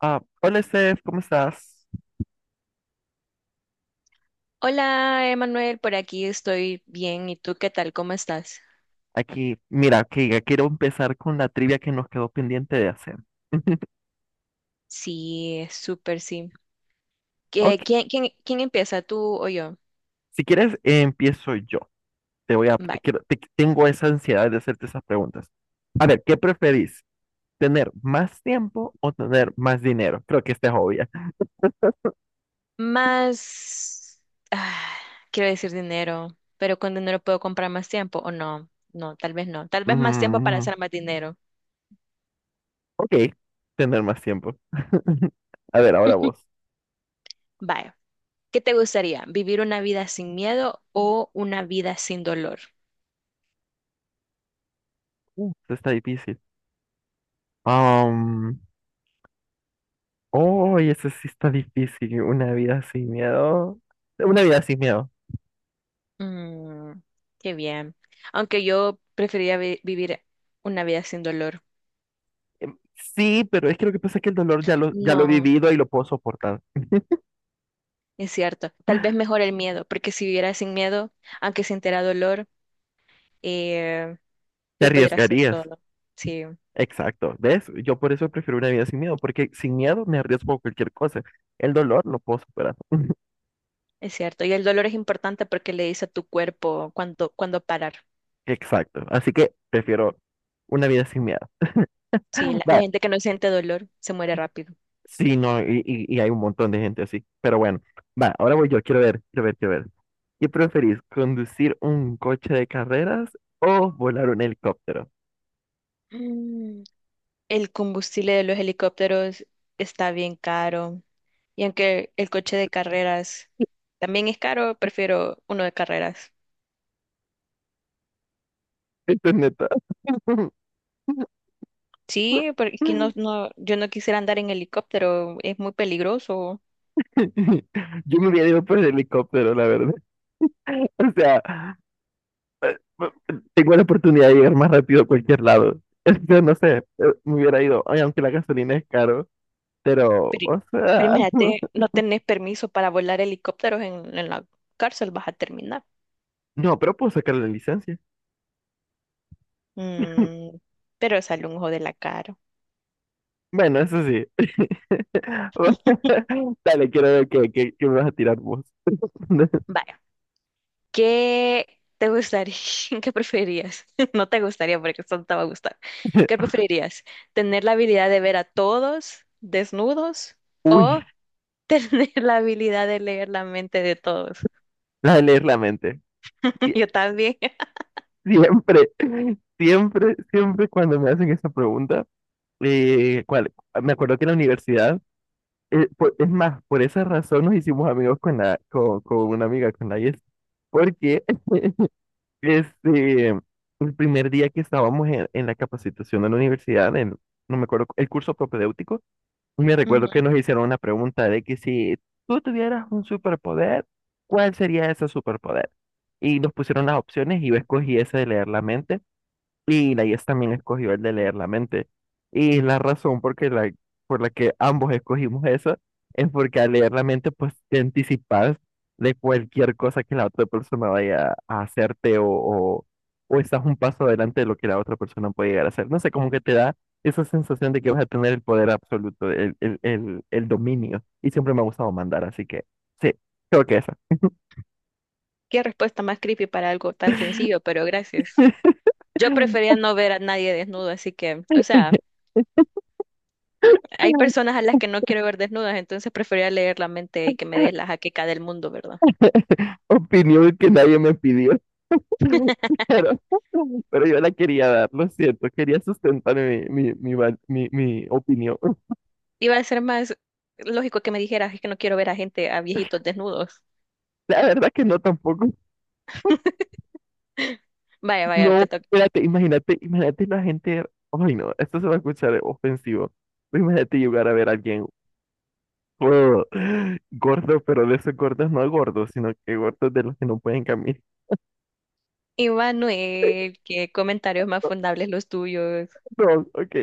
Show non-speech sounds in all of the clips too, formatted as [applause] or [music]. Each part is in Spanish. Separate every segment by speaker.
Speaker 1: Ah, hola Steph, ¿cómo estás?
Speaker 2: Hola, Emanuel, por aquí estoy bien. ¿Y tú qué tal? ¿Cómo estás?
Speaker 1: Aquí, mira, que ya quiero empezar con la trivia que nos quedó pendiente de hacer. [laughs]
Speaker 2: Sí, súper sí.
Speaker 1: Ok,
Speaker 2: ¿Qué- quién empieza? ¿Tú o yo?
Speaker 1: si quieres, empiezo yo. Te voy a, te
Speaker 2: Bye.
Speaker 1: quiero, te- Tengo esa ansiedad de hacerte esas preguntas. A ver, ¿qué preferís? ¿Tener más tiempo o tener más dinero? Creo que esta es obvia.
Speaker 2: Más, ah, quiero decir dinero, pero con dinero puedo comprar más tiempo o no. No, tal vez no. Tal vez más tiempo para
Speaker 1: Mm,
Speaker 2: hacer más dinero.
Speaker 1: ok, tener más tiempo. [laughs] A ver, ahora
Speaker 2: [laughs]
Speaker 1: vos.
Speaker 2: Vaya. ¿Qué te gustaría? ¿Vivir una vida sin miedo o una vida sin dolor?
Speaker 1: Esto está difícil. Um, oh, eso sí está difícil. Una vida sin miedo. Una vida sin miedo.
Speaker 2: Mm, qué bien. Aunque yo preferiría vivir una vida sin dolor.
Speaker 1: Em, Sí, pero es que lo que pasa es que el dolor ya lo he
Speaker 2: No.
Speaker 1: vivido y lo puedo soportar.
Speaker 2: Es cierto, tal vez mejor el miedo, porque si viviera sin miedo, aunque sintiera dolor, eh,
Speaker 1: Te
Speaker 2: lo podría hacer
Speaker 1: arriesgarías.
Speaker 2: todo. Sí,
Speaker 1: Exacto. ¿Ves? Yo por eso prefiero una vida sin miedo, porque sin miedo me arriesgo a cualquier cosa. El dolor lo puedo superar.
Speaker 2: es cierto. Y el dolor es importante porque le dice a tu cuerpo cuándo parar.
Speaker 1: Exacto. Así que prefiero una vida sin miedo.
Speaker 2: Sí,
Speaker 1: [gasps]
Speaker 2: la
Speaker 1: Va.
Speaker 2: gente que no siente dolor se muere rápido.
Speaker 1: Sí, no, y hay un montón de gente así. Pero bueno, va, ahora voy yo. Quiero ver. ¿Qué preferís? ¿Conducir un coche de carreras o volar un helicóptero?
Speaker 2: Mm, el combustible de los helicópteros está bien caro. Y aunque el coche de carreras también es caro, prefiero uno de carreras.
Speaker 1: [laughs] Esto es neta. [laughs]
Speaker 2: Sí, porque no, no, yo no quisiera andar en helicóptero, es muy peligroso.
Speaker 1: [laughs] Yo me hubiera ido por el helicóptero, la verdad. [laughs] O sea, tengo la oportunidad de llegar más rápido a cualquier lado. [laughs] Yo no sé, me hubiera ido, ay, aunque la gasolina es caro, pero,
Speaker 2: Pero,
Speaker 1: o
Speaker 2: pero
Speaker 1: sea,
Speaker 2: imagínate,
Speaker 1: [laughs]
Speaker 2: no tenés permiso para volar helicópteros en la cárcel, vas a terminar.
Speaker 1: no, pero puedo sacar la licencia.
Speaker 2: Mm, pero sale un ojo de la cara.
Speaker 1: Bueno, eso sí. [laughs] Bueno, [laughs] dale, quiero ver qué me vas a tirar vos. [laughs]
Speaker 2: Vaya, ¿qué te gustaría? [laughs] ¿Qué preferirías? [laughs] No te gustaría porque esto no te va a gustar. ¿Qué preferirías? ¿Tener la habilidad de ver a todos desnudos
Speaker 1: Uy,
Speaker 2: o tener [laughs] la habilidad de leer la mente de todos?
Speaker 1: la de leer la mente.
Speaker 2: [laughs]
Speaker 1: Sie-
Speaker 2: Yo también.
Speaker 1: Siempre, siempre cuando me hacen esa pregunta, ¿cuál? Me acuerdo que en la universidad por- es más, por esa razón nos hicimos amigos con con una amiga, con la Yes, porque [laughs] este, el primer día que estábamos en la capacitación de la universidad, en- no me acuerdo, el curso propedéutico, me recuerdo que
Speaker 2: Ujú.
Speaker 1: nos hicieron una pregunta de que si tú tuvieras un superpoder, ¿cuál sería ese superpoder? Y nos pusieron las opciones y yo escogí ese de leer la mente. Y la IES también escogió el de leer la mente. Y la razón por que la, por la que ambos escogimos eso es porque al leer la mente, pues te anticipas de cualquier cosa que la otra persona vaya a hacerte o estás un paso adelante de lo que la otra persona puede llegar a hacer. No sé, como que te da esa sensación de que vas a tener el poder absoluto, el dominio. Y siempre me ha gustado mandar, así que sí, creo que esa.
Speaker 2: Qué respuesta más creepy para algo tan sencillo, pero gracias. Yo prefería
Speaker 1: [laughs]
Speaker 2: no ver a nadie desnudo, así que, o sea, hay personas a las que no quiero ver desnudas, entonces prefería leer la mente y que me dé la jaqueca del mundo, ¿verdad?
Speaker 1: Opinión que nadie me pidió. [laughs] Pero, pero yo la quería dar, lo siento, quería sustentar mi opinión. [laughs]
Speaker 2: Iba a ser más lógico que me dijeras, es que no quiero ver a gente, a viejitos desnudos.
Speaker 1: La verdad que no tampoco.
Speaker 2: [laughs] Vaya,
Speaker 1: No,
Speaker 2: vaya, te toca.
Speaker 1: espérate, imagínate la gente. Ay, no, esto se va a escuchar ofensivo. Pero imagínate llegar a ver a alguien [laughs] oh, gordo, pero de esos gordos no gordos, sino que gordos de los que no pueden caminar. [laughs]
Speaker 2: Y Manuel, qué comentarios más fundables los tuyos.
Speaker 1: No, ok.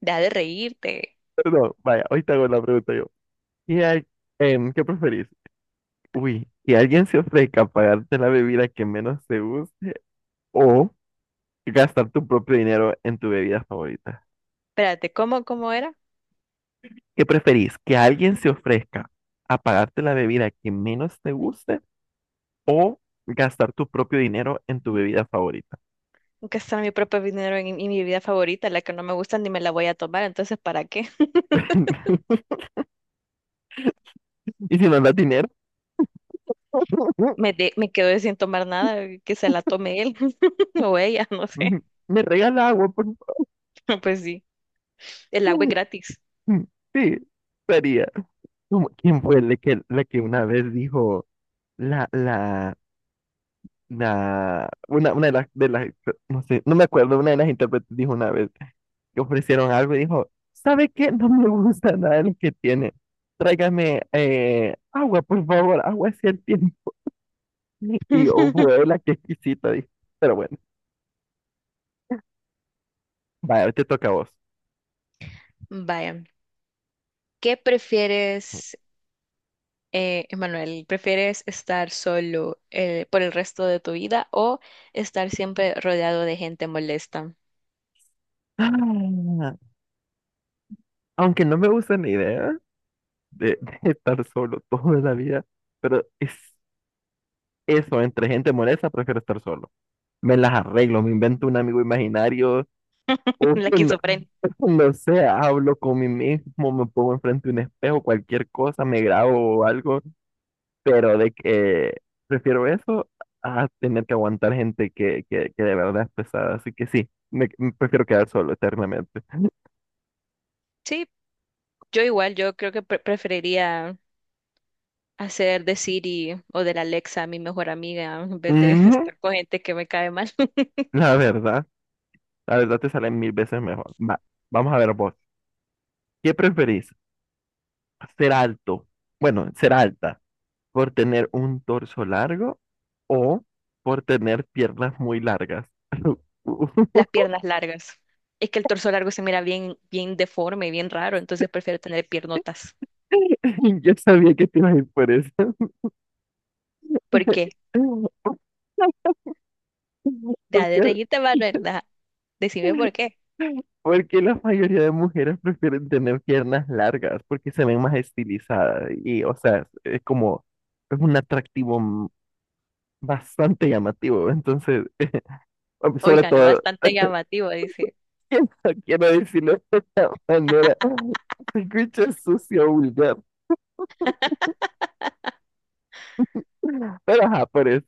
Speaker 2: Deja de reírte.
Speaker 1: Perdón, vaya, hoy te hago la pregunta yo. ¿Qué, hay- ¿Qué preferís? Uy, que alguien se ofrezca a pagarte la bebida que menos te gusta. O gastar tu propio dinero en tu bebida favorita.
Speaker 2: Espérate, ¿cómo era?
Speaker 1: ¿Qué preferís? ¿Que alguien se ofrezca a pagarte la bebida que menos te guste o gastar tu propio dinero en tu bebida favorita?
Speaker 2: Gastar mi propio dinero en mi vida favorita, la que no me gusta ni me la voy a tomar, entonces, ¿para qué?
Speaker 1: [laughs] Y si no das dinero,
Speaker 2: Me,
Speaker 1: [laughs]
Speaker 2: de- me quedé sin tomar nada, que se la tome él [laughs] o ella, no sé.
Speaker 1: me regala agua, por
Speaker 2: [laughs] Pues sí, el agua es
Speaker 1: favor.
Speaker 2: gratis.
Speaker 1: [laughs] Sí, sería. ¿Quién fue la que una vez dijo la, la, una de las, no sé, no me acuerdo, una de las intérpretes dijo una vez que ofrecieron algo y dijo, ¿sabe qué? No me gusta nada de lo que tiene. Tráigame agua, por favor, agua es el tiempo. [laughs] Y yo,
Speaker 2: [laughs]
Speaker 1: la qué exquisita, dije. Pero bueno, vaya, te toca a vos.
Speaker 2: Vaya, ¿qué prefieres, Emanuel? ¿Prefieres estar solo por el resto de tu vida o estar siempre rodeado de gente molesta?
Speaker 1: Ah, aunque no me gusta la idea de, [laughs] de estar solo toda la vida, pero es eso, entre gente molesta, prefiero estar solo. Me las arreglo, me invento un amigo imaginario,
Speaker 2: [laughs]
Speaker 1: uy,
Speaker 2: La
Speaker 1: no,
Speaker 2: esquizofrenia.
Speaker 1: [laughs] no sé, hablo con mí mismo, me pongo enfrente de un espejo, cualquier cosa, me grabo o algo, pero de que prefiero eso a tener que aguantar gente que de verdad es pesada. Así que sí, me prefiero quedar solo eternamente.
Speaker 2: Sí, yo igual, yo creo que preferiría hacer de Siri o de la Alexa mi mejor amiga en vez de [laughs]
Speaker 1: Ujú,
Speaker 2: estar con gente que me cae mal.
Speaker 1: la verdad, la verdad te sale mil veces mejor. Va, vamos a ver vos. ¿Qué preferís? ¿Ser alto? Bueno, ser alta por tener un torso largo o por tener piernas muy largas.
Speaker 2: Las
Speaker 1: [laughs]
Speaker 2: piernas largas. Es que el torso largo se mira bien, bien deforme, bien raro, entonces prefiero tener piernotas.
Speaker 1: [laughs] Yo sabía que te ibas a ir por eso.
Speaker 2: ¿Por qué?
Speaker 1: [laughs]
Speaker 2: Ya de
Speaker 1: Porque,
Speaker 2: reírte, Manuela. Decime por qué.
Speaker 1: porque la mayoría de mujeres prefieren tener piernas largas porque se ven más estilizadas y, o sea, es como, es un atractivo bastante llamativo. Entonces, sobre
Speaker 2: Oiga, no,
Speaker 1: todo,
Speaker 2: bastante llamativo, dice.
Speaker 1: [laughs] quiero, quiero decirlo de esta manera, [laughs] se escucha sucio, vulgar, pero ajá, por eso.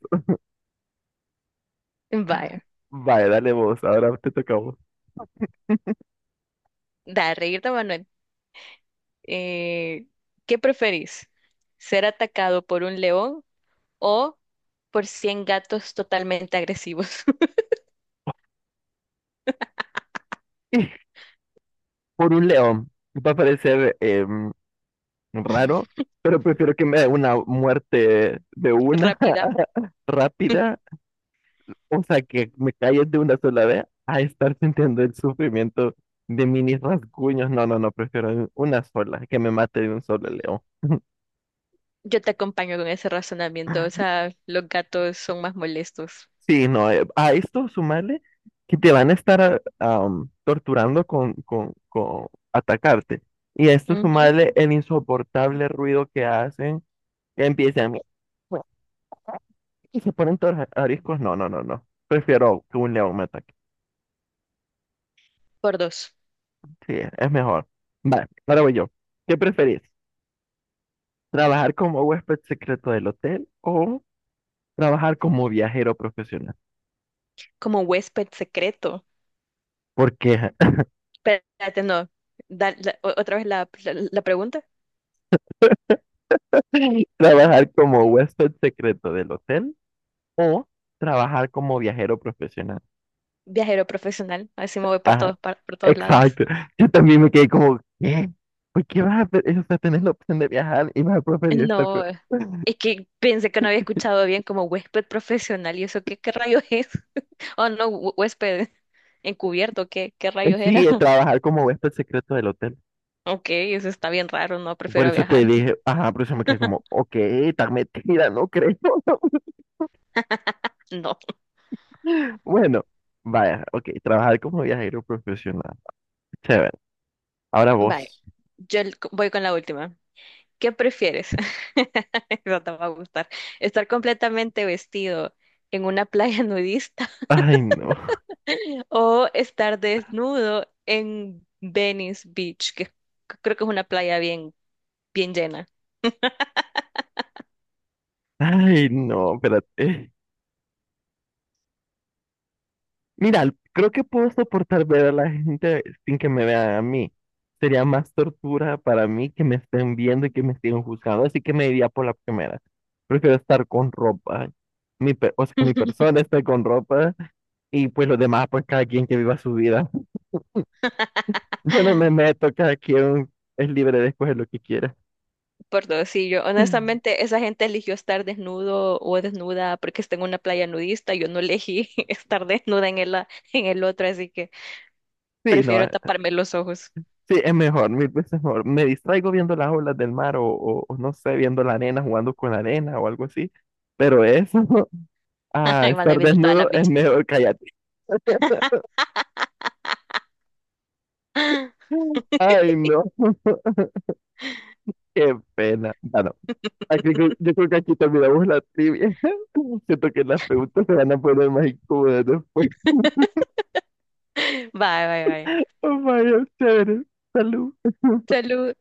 Speaker 2: Vaya,
Speaker 1: Vaya, dale vos, ahora te toca a vos.
Speaker 2: da de reírte, Manuel. Eh, ¿Qué preferís? ¿Ser atacado por un león o por 100 gatos totalmente agresivos? [laughs]
Speaker 1: [laughs] Por un león, va a aparecer raro, pero prefiero que me dé una muerte de una
Speaker 2: Rápida.
Speaker 1: [laughs] rápida, o sea, que me calles de una sola vez, a estar sintiendo el sufrimiento de mini rasguños. No, no, no, prefiero una sola, que me mate de un solo león. [laughs]
Speaker 2: Yo te acompaño con ese razonamiento. O sea, los gatos son más molestos.
Speaker 1: Sí, no, a esto sumarle que te van a estar torturando con atacarte. Y a esto
Speaker 2: Ujú.
Speaker 1: sumarle el insoportable ruido que hacen, que empiezan y se ponen todos ariscos. No, no, no, no. Prefiero que un león me ataque.
Speaker 2: Por dos.
Speaker 1: Sí, es mejor. Vale, ahora voy yo. ¿Qué preferís? ¿Trabajar como huésped secreto del hotel o trabajar como viajero profesional?
Speaker 2: Como huésped secreto.
Speaker 1: ¿Por qué?
Speaker 2: Espérate, no. Da- la- o- otra vez la pregunta.
Speaker 1: [laughs] ¿Trabajar como huésped secreto del hotel o trabajar como viajero profesional?
Speaker 2: Viajero profesional. Así me voy por
Speaker 1: Ajá,
Speaker 2: todos, par- por todos lados.
Speaker 1: exacto. Yo también me quedé como, ¿qué? ¿Por qué vas a, pe- o sea, tenés la opción de viajar y vas a preferir estar con...
Speaker 2: No, es que pensé que no había escuchado bien como huésped profesional. ¿Y eso qué, qué rayos es? [laughs] Oh, no, hu- huésped encubierto. ¿Qué, qué rayos
Speaker 1: Sí,
Speaker 2: era? [laughs]
Speaker 1: trabajar como huésped secreto del hotel.
Speaker 2: Ok, eso está bien raro. No,
Speaker 1: Por
Speaker 2: prefiero
Speaker 1: eso te
Speaker 2: viajar.
Speaker 1: dije, ajá, por eso me quedé como, ok, tan metida, no creo. [laughs]
Speaker 2: No.
Speaker 1: [laughs] Bueno, vaya, ok, trabajar como viajero profesional. Chévere. Ahora
Speaker 2: Vale.
Speaker 1: vos.
Speaker 2: Yo el- voy con la última. ¿Qué prefieres? [laughs] Eso te va a gustar. ¿Estar completamente vestido en una playa [laughs] nudista?
Speaker 1: Ay, no.
Speaker 2: O estar desnudo en Venice Beach, que creo que es una playa bien, bien llena.
Speaker 1: [laughs] Ay, no, espérate. Mira, creo que puedo soportar ver a la gente sin que me vean a mí. Sería más tortura para mí que me estén viendo y que me estén juzgando, así que me iría por la primera. Prefiero estar con ropa. O sea, que mi
Speaker 2: [laughs]
Speaker 1: persona esté con ropa y pues los demás, pues cada quien que viva su vida. [laughs] Yo no me meto, cada quien es libre de escoger lo que quiera.
Speaker 2: Por dos, sí, yo
Speaker 1: [laughs]
Speaker 2: honestamente, esa gente eligió estar desnudo o desnuda porque está en una playa nudista. Yo no elegí [laughs] estar desnuda en el, a- en el otro, así que
Speaker 1: Sí, no,
Speaker 2: prefiero taparme los ojos.
Speaker 1: sí, es mejor, mil veces mejor. Me distraigo viendo las olas del mar o no sé, viendo la arena, jugando con la arena o algo así. Pero eso, [laughs] a
Speaker 2: [laughs] Y van a ir
Speaker 1: estar
Speaker 2: viendo todas las
Speaker 1: desnudo es
Speaker 2: bichas.
Speaker 1: mejor, cállate.
Speaker 2: [laughs] Bye,
Speaker 1: [laughs] Ay, no, qué pena. Bueno, yo creo que aquí terminamos la trivia. [laughs] Siento que las preguntas se van a poner más incómodas después.
Speaker 2: bye, bye.
Speaker 1: Oh, vaya, chévere. Salud.
Speaker 2: Salud.